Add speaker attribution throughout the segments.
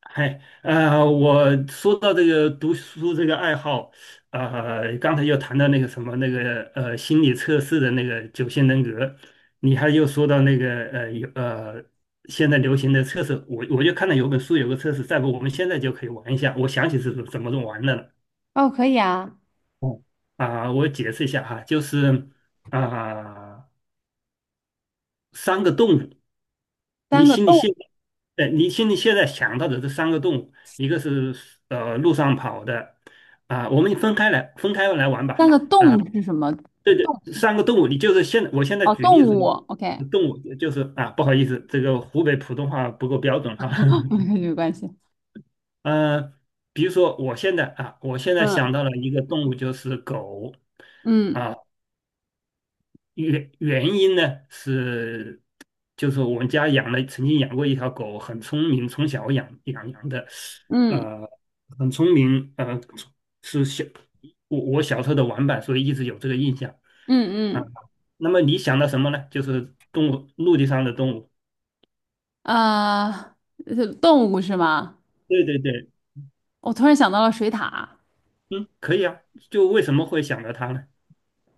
Speaker 1: 嗨，我说到这个读书这个爱好，刚才又谈到那个什么那个心理测试的那个九型人格。你还又说到那个有现在流行的测试，我就看到有本书有个测试，再不我们现在就可以玩一下，我想起是怎么玩的了。
Speaker 2: 哦，可以啊。
Speaker 1: 啊、我解释一下哈，就是，啊、三个动物。你
Speaker 2: 三个
Speaker 1: 心里
Speaker 2: 动，
Speaker 1: 现在呃，你心里现在想到的这三个动物，一个是路上跑的。啊、我们分开来玩吧。
Speaker 2: 三个动是什么？
Speaker 1: 对
Speaker 2: 动
Speaker 1: 对，三个动物，你就是我现在
Speaker 2: 哦，
Speaker 1: 举例
Speaker 2: 动
Speaker 1: 子
Speaker 2: 物。
Speaker 1: 咯。
Speaker 2: OK，
Speaker 1: 动物就是啊，不好意思，这个湖北普通话不够标准哈。
Speaker 2: 没有关系。
Speaker 1: 呃，比如说我现在
Speaker 2: 嗯
Speaker 1: 想到了一个动物就是狗。
Speaker 2: 嗯
Speaker 1: 啊、原因呢是，就是我们家养了，曾经养过一条狗，很聪明，从小养的，
Speaker 2: 嗯
Speaker 1: 呃，很聪明，是小我小时候的玩伴，所以一直有这个印象
Speaker 2: 嗯
Speaker 1: 啊。
Speaker 2: 嗯，
Speaker 1: 那么你想到什么呢？就是动物，陆地上的动物。
Speaker 2: 啊，动物是吗？
Speaker 1: 对对对，
Speaker 2: 我突然想到了水獭
Speaker 1: 嗯，可以啊。就为什么会想到它呢？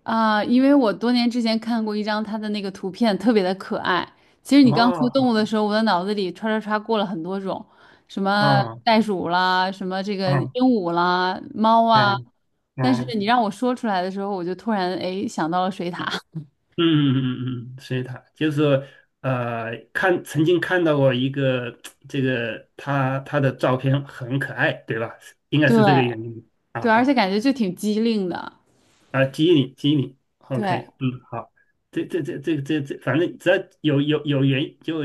Speaker 2: 啊，因为我多年之前看过一张它的那个图片，特别的可爱。其实你刚说
Speaker 1: 啊
Speaker 2: 动物的时候，我的脑子里唰唰唰过了很多种，什么
Speaker 1: 啊
Speaker 2: 袋鼠啦，什么这个鹦
Speaker 1: 啊
Speaker 2: 鹉啦，猫
Speaker 1: 啊
Speaker 2: 啊。但是
Speaker 1: 啊！
Speaker 2: 你让我说出来的时候，我就突然哎想到了水獭。
Speaker 1: 嗯嗯嗯嗯，嗯，所以他就是看曾经看到过一个这个他的照片很可爱，对吧？应该是这个
Speaker 2: 对
Speaker 1: 原因
Speaker 2: 对，
Speaker 1: 啊。
Speaker 2: 而且感觉就挺机灵的。
Speaker 1: 啊，激你激你
Speaker 2: 对，
Speaker 1: ，OK，嗯，好。这这这这这这，反正只要有有有原就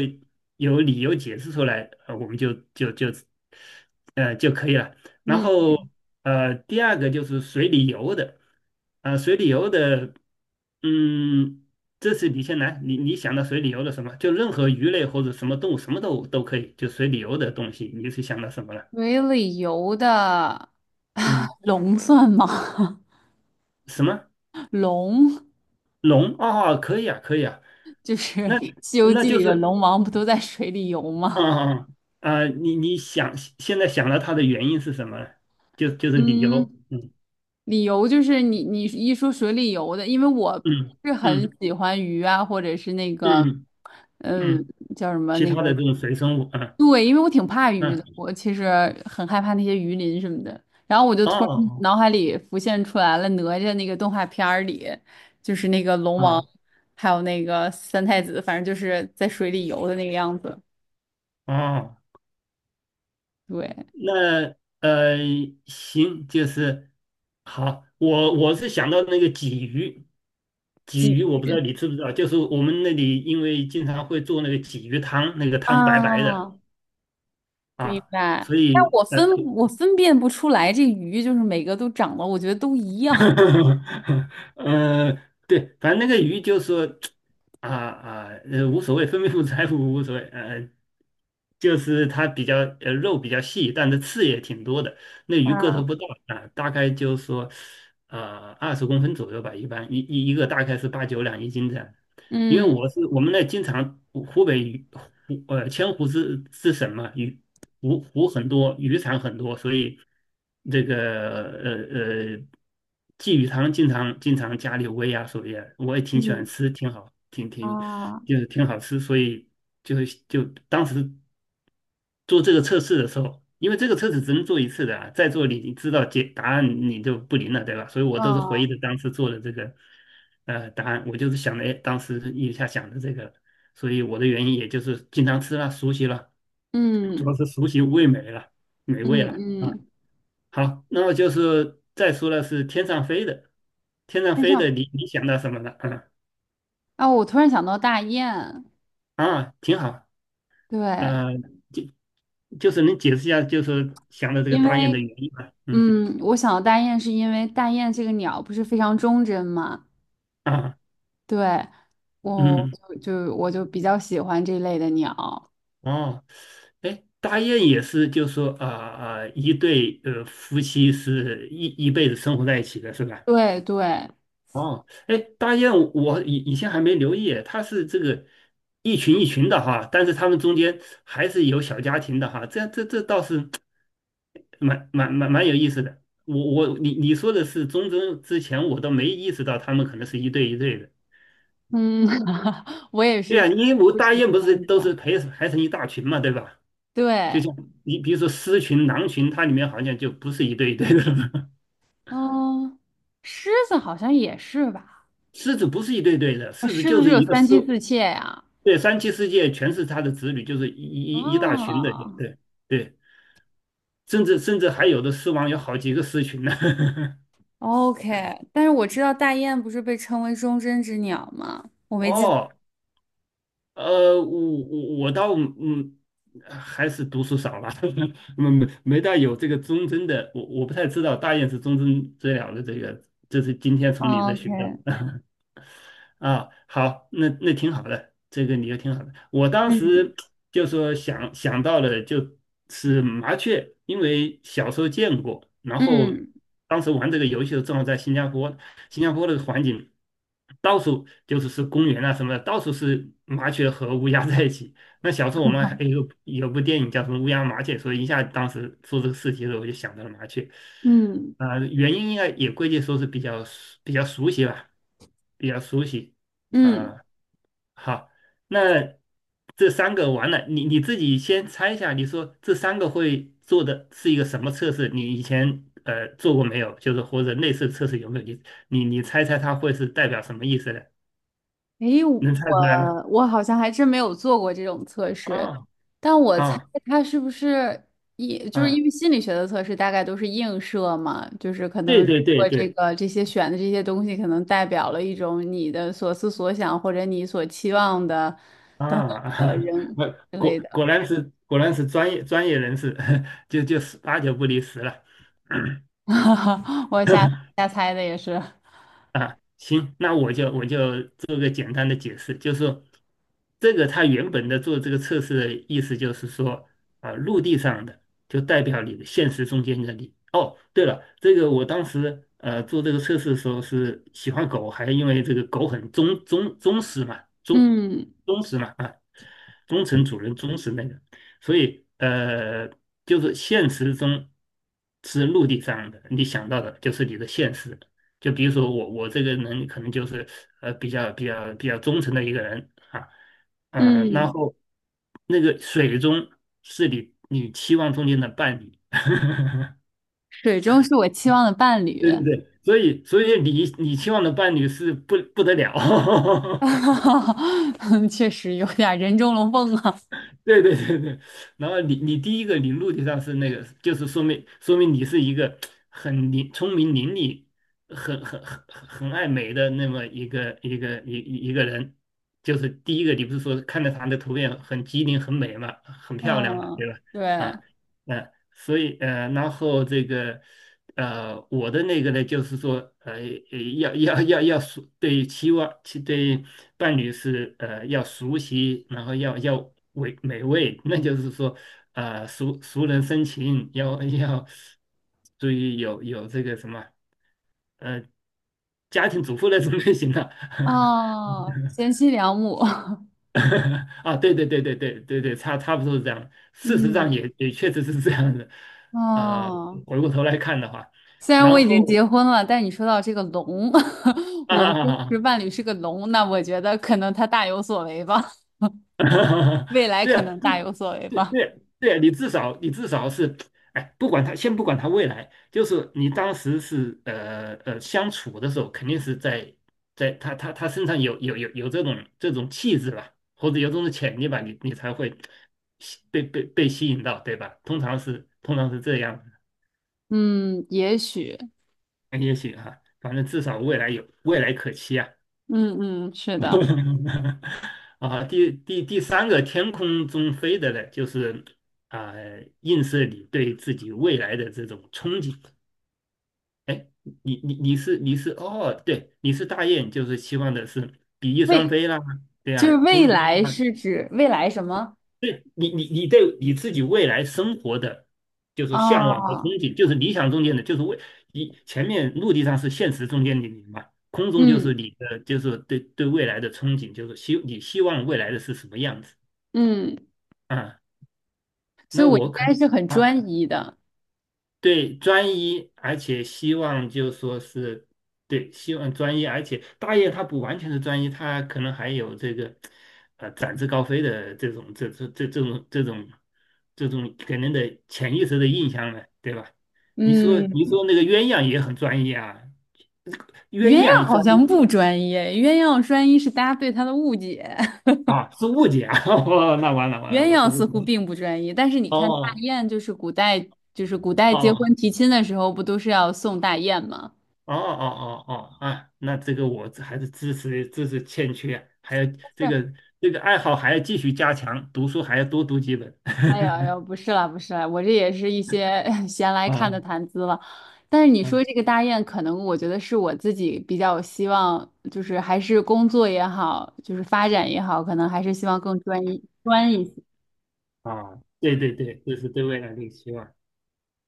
Speaker 1: 有理由解释出来，我们就可以了。然
Speaker 2: 嗯，
Speaker 1: 后第二个就是水里游的。啊、水里游的，嗯，这次你先来，你想到水里游的什么？就任何鱼类或者什么动物，什么都可以，就水里游的东西，你是想到什么了？
Speaker 2: 水里游的
Speaker 1: 嗯，
Speaker 2: 龙算吗？
Speaker 1: 什么
Speaker 2: 龙
Speaker 1: 龙？哦，可以啊，可以啊。
Speaker 2: 就是
Speaker 1: 那
Speaker 2: 《西游
Speaker 1: 那
Speaker 2: 记》
Speaker 1: 就
Speaker 2: 里的
Speaker 1: 是
Speaker 2: 龙王，不都在水里游
Speaker 1: 啊
Speaker 2: 吗？
Speaker 1: 啊啊！你现在想到它的原因是什么了，是理由，
Speaker 2: 嗯，
Speaker 1: 嗯，
Speaker 2: 理由就是你一说水里游的，因为我
Speaker 1: 嗯
Speaker 2: 不是
Speaker 1: 嗯
Speaker 2: 很喜欢鱼啊，或者是那个，
Speaker 1: 嗯
Speaker 2: 嗯，
Speaker 1: 嗯，
Speaker 2: 叫什么
Speaker 1: 其
Speaker 2: 那
Speaker 1: 他
Speaker 2: 个
Speaker 1: 的这种水生物，嗯
Speaker 2: 对，因为我挺怕鱼的，
Speaker 1: 嗯，
Speaker 2: 我其实很害怕那些鱼鳞什么的。然后我就突然嗯
Speaker 1: 哦
Speaker 2: 脑海里浮现出来了哪吒那个动画片儿里，就是那个龙王，
Speaker 1: 哦
Speaker 2: 还有那个三太子，反正就是在水里游的那个样子。
Speaker 1: 哦。
Speaker 2: 对，
Speaker 1: 那呃行，就是好，我是想到那个鲫鱼。鲫鱼
Speaker 2: 鲫
Speaker 1: 我不知道
Speaker 2: 鱼
Speaker 1: 你知不知道，就是我们那里因为经常会做那个鲫鱼汤，那个汤白白的
Speaker 2: 啊，明
Speaker 1: 啊，
Speaker 2: 白。
Speaker 1: 所
Speaker 2: 但
Speaker 1: 以。
Speaker 2: 我分我分辨不出来，这鱼就是每个都长得，我觉得都一样。
Speaker 1: 呃，对，反正那个鱼就说啊啊，无所谓，分不分财富无所谓，就是它比较肉比较细，但是刺也挺多的。那
Speaker 2: 啊，
Speaker 1: 鱼个头 不大啊，大概就说20公分左右吧，一般一个大概是八九两一斤这样。因为
Speaker 2: 嗯
Speaker 1: 我是我们那经常湖北鱼千湖是什么鱼湖很多，鱼塘很多，所以这个鲫鱼汤经常经常家里煨啊，所以啊我也挺喜欢
Speaker 2: 嗯
Speaker 1: 吃，挺好，
Speaker 2: 啊
Speaker 1: 就是挺好吃，所以就就当时做这个测试的时候，因为这个测试只能做一次的啊，再做你知道解答案你就不灵了，对吧？所以我都是回忆的
Speaker 2: 啊
Speaker 1: 当时做的这个答案，我就是想的，哎，当时一下想的这个，所以我的原因也就是经常吃了，熟悉了。主要
Speaker 2: 嗯
Speaker 1: 是熟悉味美了，美味
Speaker 2: 嗯
Speaker 1: 了啊。
Speaker 2: 嗯，
Speaker 1: 好，那么就是再说了是天上飞的，天上
Speaker 2: 那这
Speaker 1: 飞的
Speaker 2: 样
Speaker 1: 你想到什么了？啊
Speaker 2: 啊，我突然想到大雁。
Speaker 1: 啊，挺好。
Speaker 2: 对，
Speaker 1: 呃，就就是能解释一下，就是想到这个
Speaker 2: 因
Speaker 1: 大雁的
Speaker 2: 为
Speaker 1: 原因吗？嗯
Speaker 2: 嗯，我想到大雁是因为大雁这个鸟不是非常忠贞嘛，
Speaker 1: 啊
Speaker 2: 对，我
Speaker 1: 嗯
Speaker 2: 就就我就比较喜欢这类的鸟，
Speaker 1: 哦，哎，大雁也是，就是说啊啊、一对夫妻是一辈子生活在一起的，是吧？
Speaker 2: 对对，
Speaker 1: 哦，哎，大雁，我以前还没留意，它是这个一群一群的哈，但是它们中间还是有小家庭的哈，这倒是蛮有意思的。我我你你说的是中贞之前，我都没意识到他们可能是一对一对的。
Speaker 2: 嗯，我也
Speaker 1: 对
Speaker 2: 是
Speaker 1: 啊，因为我
Speaker 2: 不
Speaker 1: 大
Speaker 2: 喜
Speaker 1: 雁不
Speaker 2: 欢
Speaker 1: 是
Speaker 2: 们
Speaker 1: 都是
Speaker 2: 讲
Speaker 1: 排成一大群嘛，对吧？就
Speaker 2: 对，
Speaker 1: 像你比如说狮群、狼群，它里面好像就不是一对一对的了。
Speaker 2: 嗯，狮子好像也是吧，
Speaker 1: 狮子不是一对对的，
Speaker 2: 啊
Speaker 1: 狮子
Speaker 2: 狮子
Speaker 1: 就
Speaker 2: 是
Speaker 1: 是
Speaker 2: 有
Speaker 1: 一个狮。
Speaker 2: 三妻四妾呀，
Speaker 1: 对，三妻四妾全是他的子女，就是一大群的，
Speaker 2: 啊
Speaker 1: 对对，甚至还有的狮王有好几个狮群呢。
Speaker 2: ，OK，但是我知道大雁不是被称为忠贞之鸟吗？我没记
Speaker 1: 哦，我倒，还是读书少吧。没大有这个忠贞的，我不太知道大雁是忠贞最了的这个，这是今天从你这学到
Speaker 2: ，OK，
Speaker 1: 的。啊，好，那挺好的，这个理由挺好的。我当
Speaker 2: 嗯
Speaker 1: 时就说想到了就是麻雀，因为小时候见过，然后
Speaker 2: 嗯。
Speaker 1: 当时玩这个游戏的时候正好在新加坡。新加坡的环境到处就是公园啊什么的，到处是麻雀和乌鸦在一起。那小时候我们还有部电影叫什么《乌鸦麻雀》，所以一下当时做这个事情的时候我就想到了麻雀。
Speaker 2: 嗯
Speaker 1: 啊、原因应该也归结说是比较熟悉吧，比较熟悉。
Speaker 2: 嗯，
Speaker 1: 啊、好，那这三个完了，你自己先猜一下，你说这三个会做的是一个什么测试？你以前做过没有？就是或者类似测试有没有？你猜猜它会是代表什么意思呢？
Speaker 2: 诶，
Speaker 1: 能猜出来吗？
Speaker 2: 我好像还真没有做过这种测试，
Speaker 1: 啊
Speaker 2: 但我猜
Speaker 1: 啊
Speaker 2: 他是不是一就是
Speaker 1: 啊！
Speaker 2: 因为心理学的测试大概都是映射嘛，就是可
Speaker 1: 对
Speaker 2: 能
Speaker 1: 对对
Speaker 2: 我这
Speaker 1: 对
Speaker 2: 个这些选的这些东西可能代表了一种你的所思所想或者你所期望的
Speaker 1: 啊。那
Speaker 2: 之类
Speaker 1: 果
Speaker 2: 的，
Speaker 1: 果然是果然是专业专业人士。就十八九不离十了。
Speaker 2: 我瞎瞎猜的也是，
Speaker 1: 啊，行，那我就做个简单的解释，就是说这个它原本的做这个测试的意思就是说，啊，陆地上的就代表你的现实中间的你。哦，对了，这个我当时做这个测试的时候是喜欢狗，还因为这个狗很忠实嘛，忠
Speaker 2: 嗯
Speaker 1: 忠实嘛啊，忠诚主人忠实那个，所以就是现实中是陆地上的，你想到的就是你的现实。就比如说我这个人可能就是比较忠诚的一个人啊。嗯、然
Speaker 2: 嗯，
Speaker 1: 后那个水中是你期望中间的伴侣，
Speaker 2: 水中是我期望的伴侣，
Speaker 1: 对对对，所以你期望的伴侣是不得了。
Speaker 2: 确实有点人中龙凤啊。
Speaker 1: 对对对对，然后你第一个你陆地上是那个，就是说明你是一个聪明伶俐、很爱美的那么一个人。就是第一个，你不是说看着他的图片很机灵、很美嘛，很漂亮嘛，
Speaker 2: 嗯，
Speaker 1: 对吧？
Speaker 2: 对，
Speaker 1: 啊，嗯，所以然后这个我的那个呢，就是说要熟。对期望对伴侣是要熟悉，然后要美味，那就是说熟能生情，要注意有这个什么呃家庭主妇那种类型的。
Speaker 2: 哦，贤妻良母，
Speaker 1: 啊，对对对对对对对，差不多是这样。事实上
Speaker 2: 嗯，
Speaker 1: 也确实是这样的。啊、
Speaker 2: 哦，
Speaker 1: 回过头来看的话，
Speaker 2: 虽然我
Speaker 1: 然
Speaker 2: 已经
Speaker 1: 后
Speaker 2: 结婚了，但你说到这个龙，我的真实
Speaker 1: 啊。
Speaker 2: 伴侣是个龙，那我觉得可能他大有所为吧，
Speaker 1: 哈 哈，
Speaker 2: 未来
Speaker 1: 对
Speaker 2: 可
Speaker 1: 啊，
Speaker 2: 能
Speaker 1: 不
Speaker 2: 大有所为
Speaker 1: 对
Speaker 2: 吧，
Speaker 1: 对对啊，你至少是，哎，不管他，先不管他未来，就是你当时是相处的时候，肯定是在他身上有这种气质吧，或者有这种潜力吧，你才会被吸引到，对吧？通常是这样
Speaker 2: 嗯，也许，
Speaker 1: 的，也许哈、反正至少未来可期啊。
Speaker 2: 嗯嗯，是的，
Speaker 1: 啊，第三个天空中飞的呢，就是啊、映射你对自己未来的这种憧憬。哎，你你你是你是哦，对，你是大雁，就是希望的是比翼双
Speaker 2: 未，
Speaker 1: 飞啦，对
Speaker 2: 就
Speaker 1: 啊，
Speaker 2: 是
Speaker 1: 中
Speaker 2: 未
Speaker 1: 飞
Speaker 2: 来
Speaker 1: 啦，
Speaker 2: 是指未来什么？
Speaker 1: 对你对你自己未来生活的，就是说向往和憧
Speaker 2: 啊？
Speaker 1: 憬，就是理想中间的，就是为你前面陆地上是现实中间的你嘛，空中就是
Speaker 2: 嗯
Speaker 1: 你的，就是对未来的憧憬，就是你希望未来的是什么样子
Speaker 2: 嗯，
Speaker 1: 啊？
Speaker 2: 所
Speaker 1: 那
Speaker 2: 以我
Speaker 1: 我
Speaker 2: 应
Speaker 1: 可
Speaker 2: 该
Speaker 1: 能。
Speaker 2: 是很
Speaker 1: 啊。
Speaker 2: 专一的，
Speaker 1: 对，专一，而且希望就说是，对，希望专一，而且大业它不完全是专一，它可能还有这个，展翅高飞的这种给人的潜意识的印象呢，对吧？你说
Speaker 2: 嗯。
Speaker 1: 你说那个鸳鸯也很专一啊，鸳
Speaker 2: 鸳鸯
Speaker 1: 鸯
Speaker 2: 好
Speaker 1: 专
Speaker 2: 像
Speaker 1: 一
Speaker 2: 不专业，鸳鸯专一是大家对它的误解。
Speaker 1: 啊是误解啊。哦，那完了完
Speaker 2: 鸳
Speaker 1: 了，我是
Speaker 2: 鸯
Speaker 1: 误
Speaker 2: 似
Speaker 1: 解
Speaker 2: 乎
Speaker 1: 了，
Speaker 2: 并不专一，但是你看大
Speaker 1: 哦
Speaker 2: 雁，就是古代，就是古代结
Speaker 1: 哦
Speaker 2: 婚提亲的时候，不都是要送大雁吗？
Speaker 1: 哦哦哦哦啊，那这个我还是知识欠缺啊，还有这
Speaker 2: 但是，
Speaker 1: 个这个爱好还要继续加强，读书还要多读几本。
Speaker 2: 哎呀哎呀，不是啦，不是啦，我这也是一些 闲来看的
Speaker 1: 啊
Speaker 2: 谈资了。但是你
Speaker 1: 啊
Speaker 2: 说这个大雁，可能我觉得是我自己比较希望，就是还是工作也好，就是发展也好，可能还是希望更专一些
Speaker 1: 啊！对对对，这是对未来的一个期望。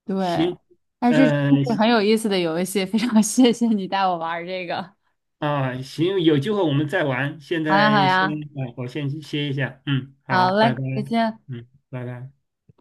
Speaker 2: 对，
Speaker 1: 行，
Speaker 2: 哎，这真
Speaker 1: 嗯、
Speaker 2: 是很有意思的游戏，非常 谢谢你带我玩儿这个。
Speaker 1: 啊行，有机会我们再玩。现
Speaker 2: 好呀，好
Speaker 1: 在先，
Speaker 2: 呀，
Speaker 1: 啊我先去歇一下。嗯，
Speaker 2: 好
Speaker 1: 好，拜
Speaker 2: 嘞，
Speaker 1: 拜。
Speaker 2: 再见。
Speaker 1: 嗯，拜拜。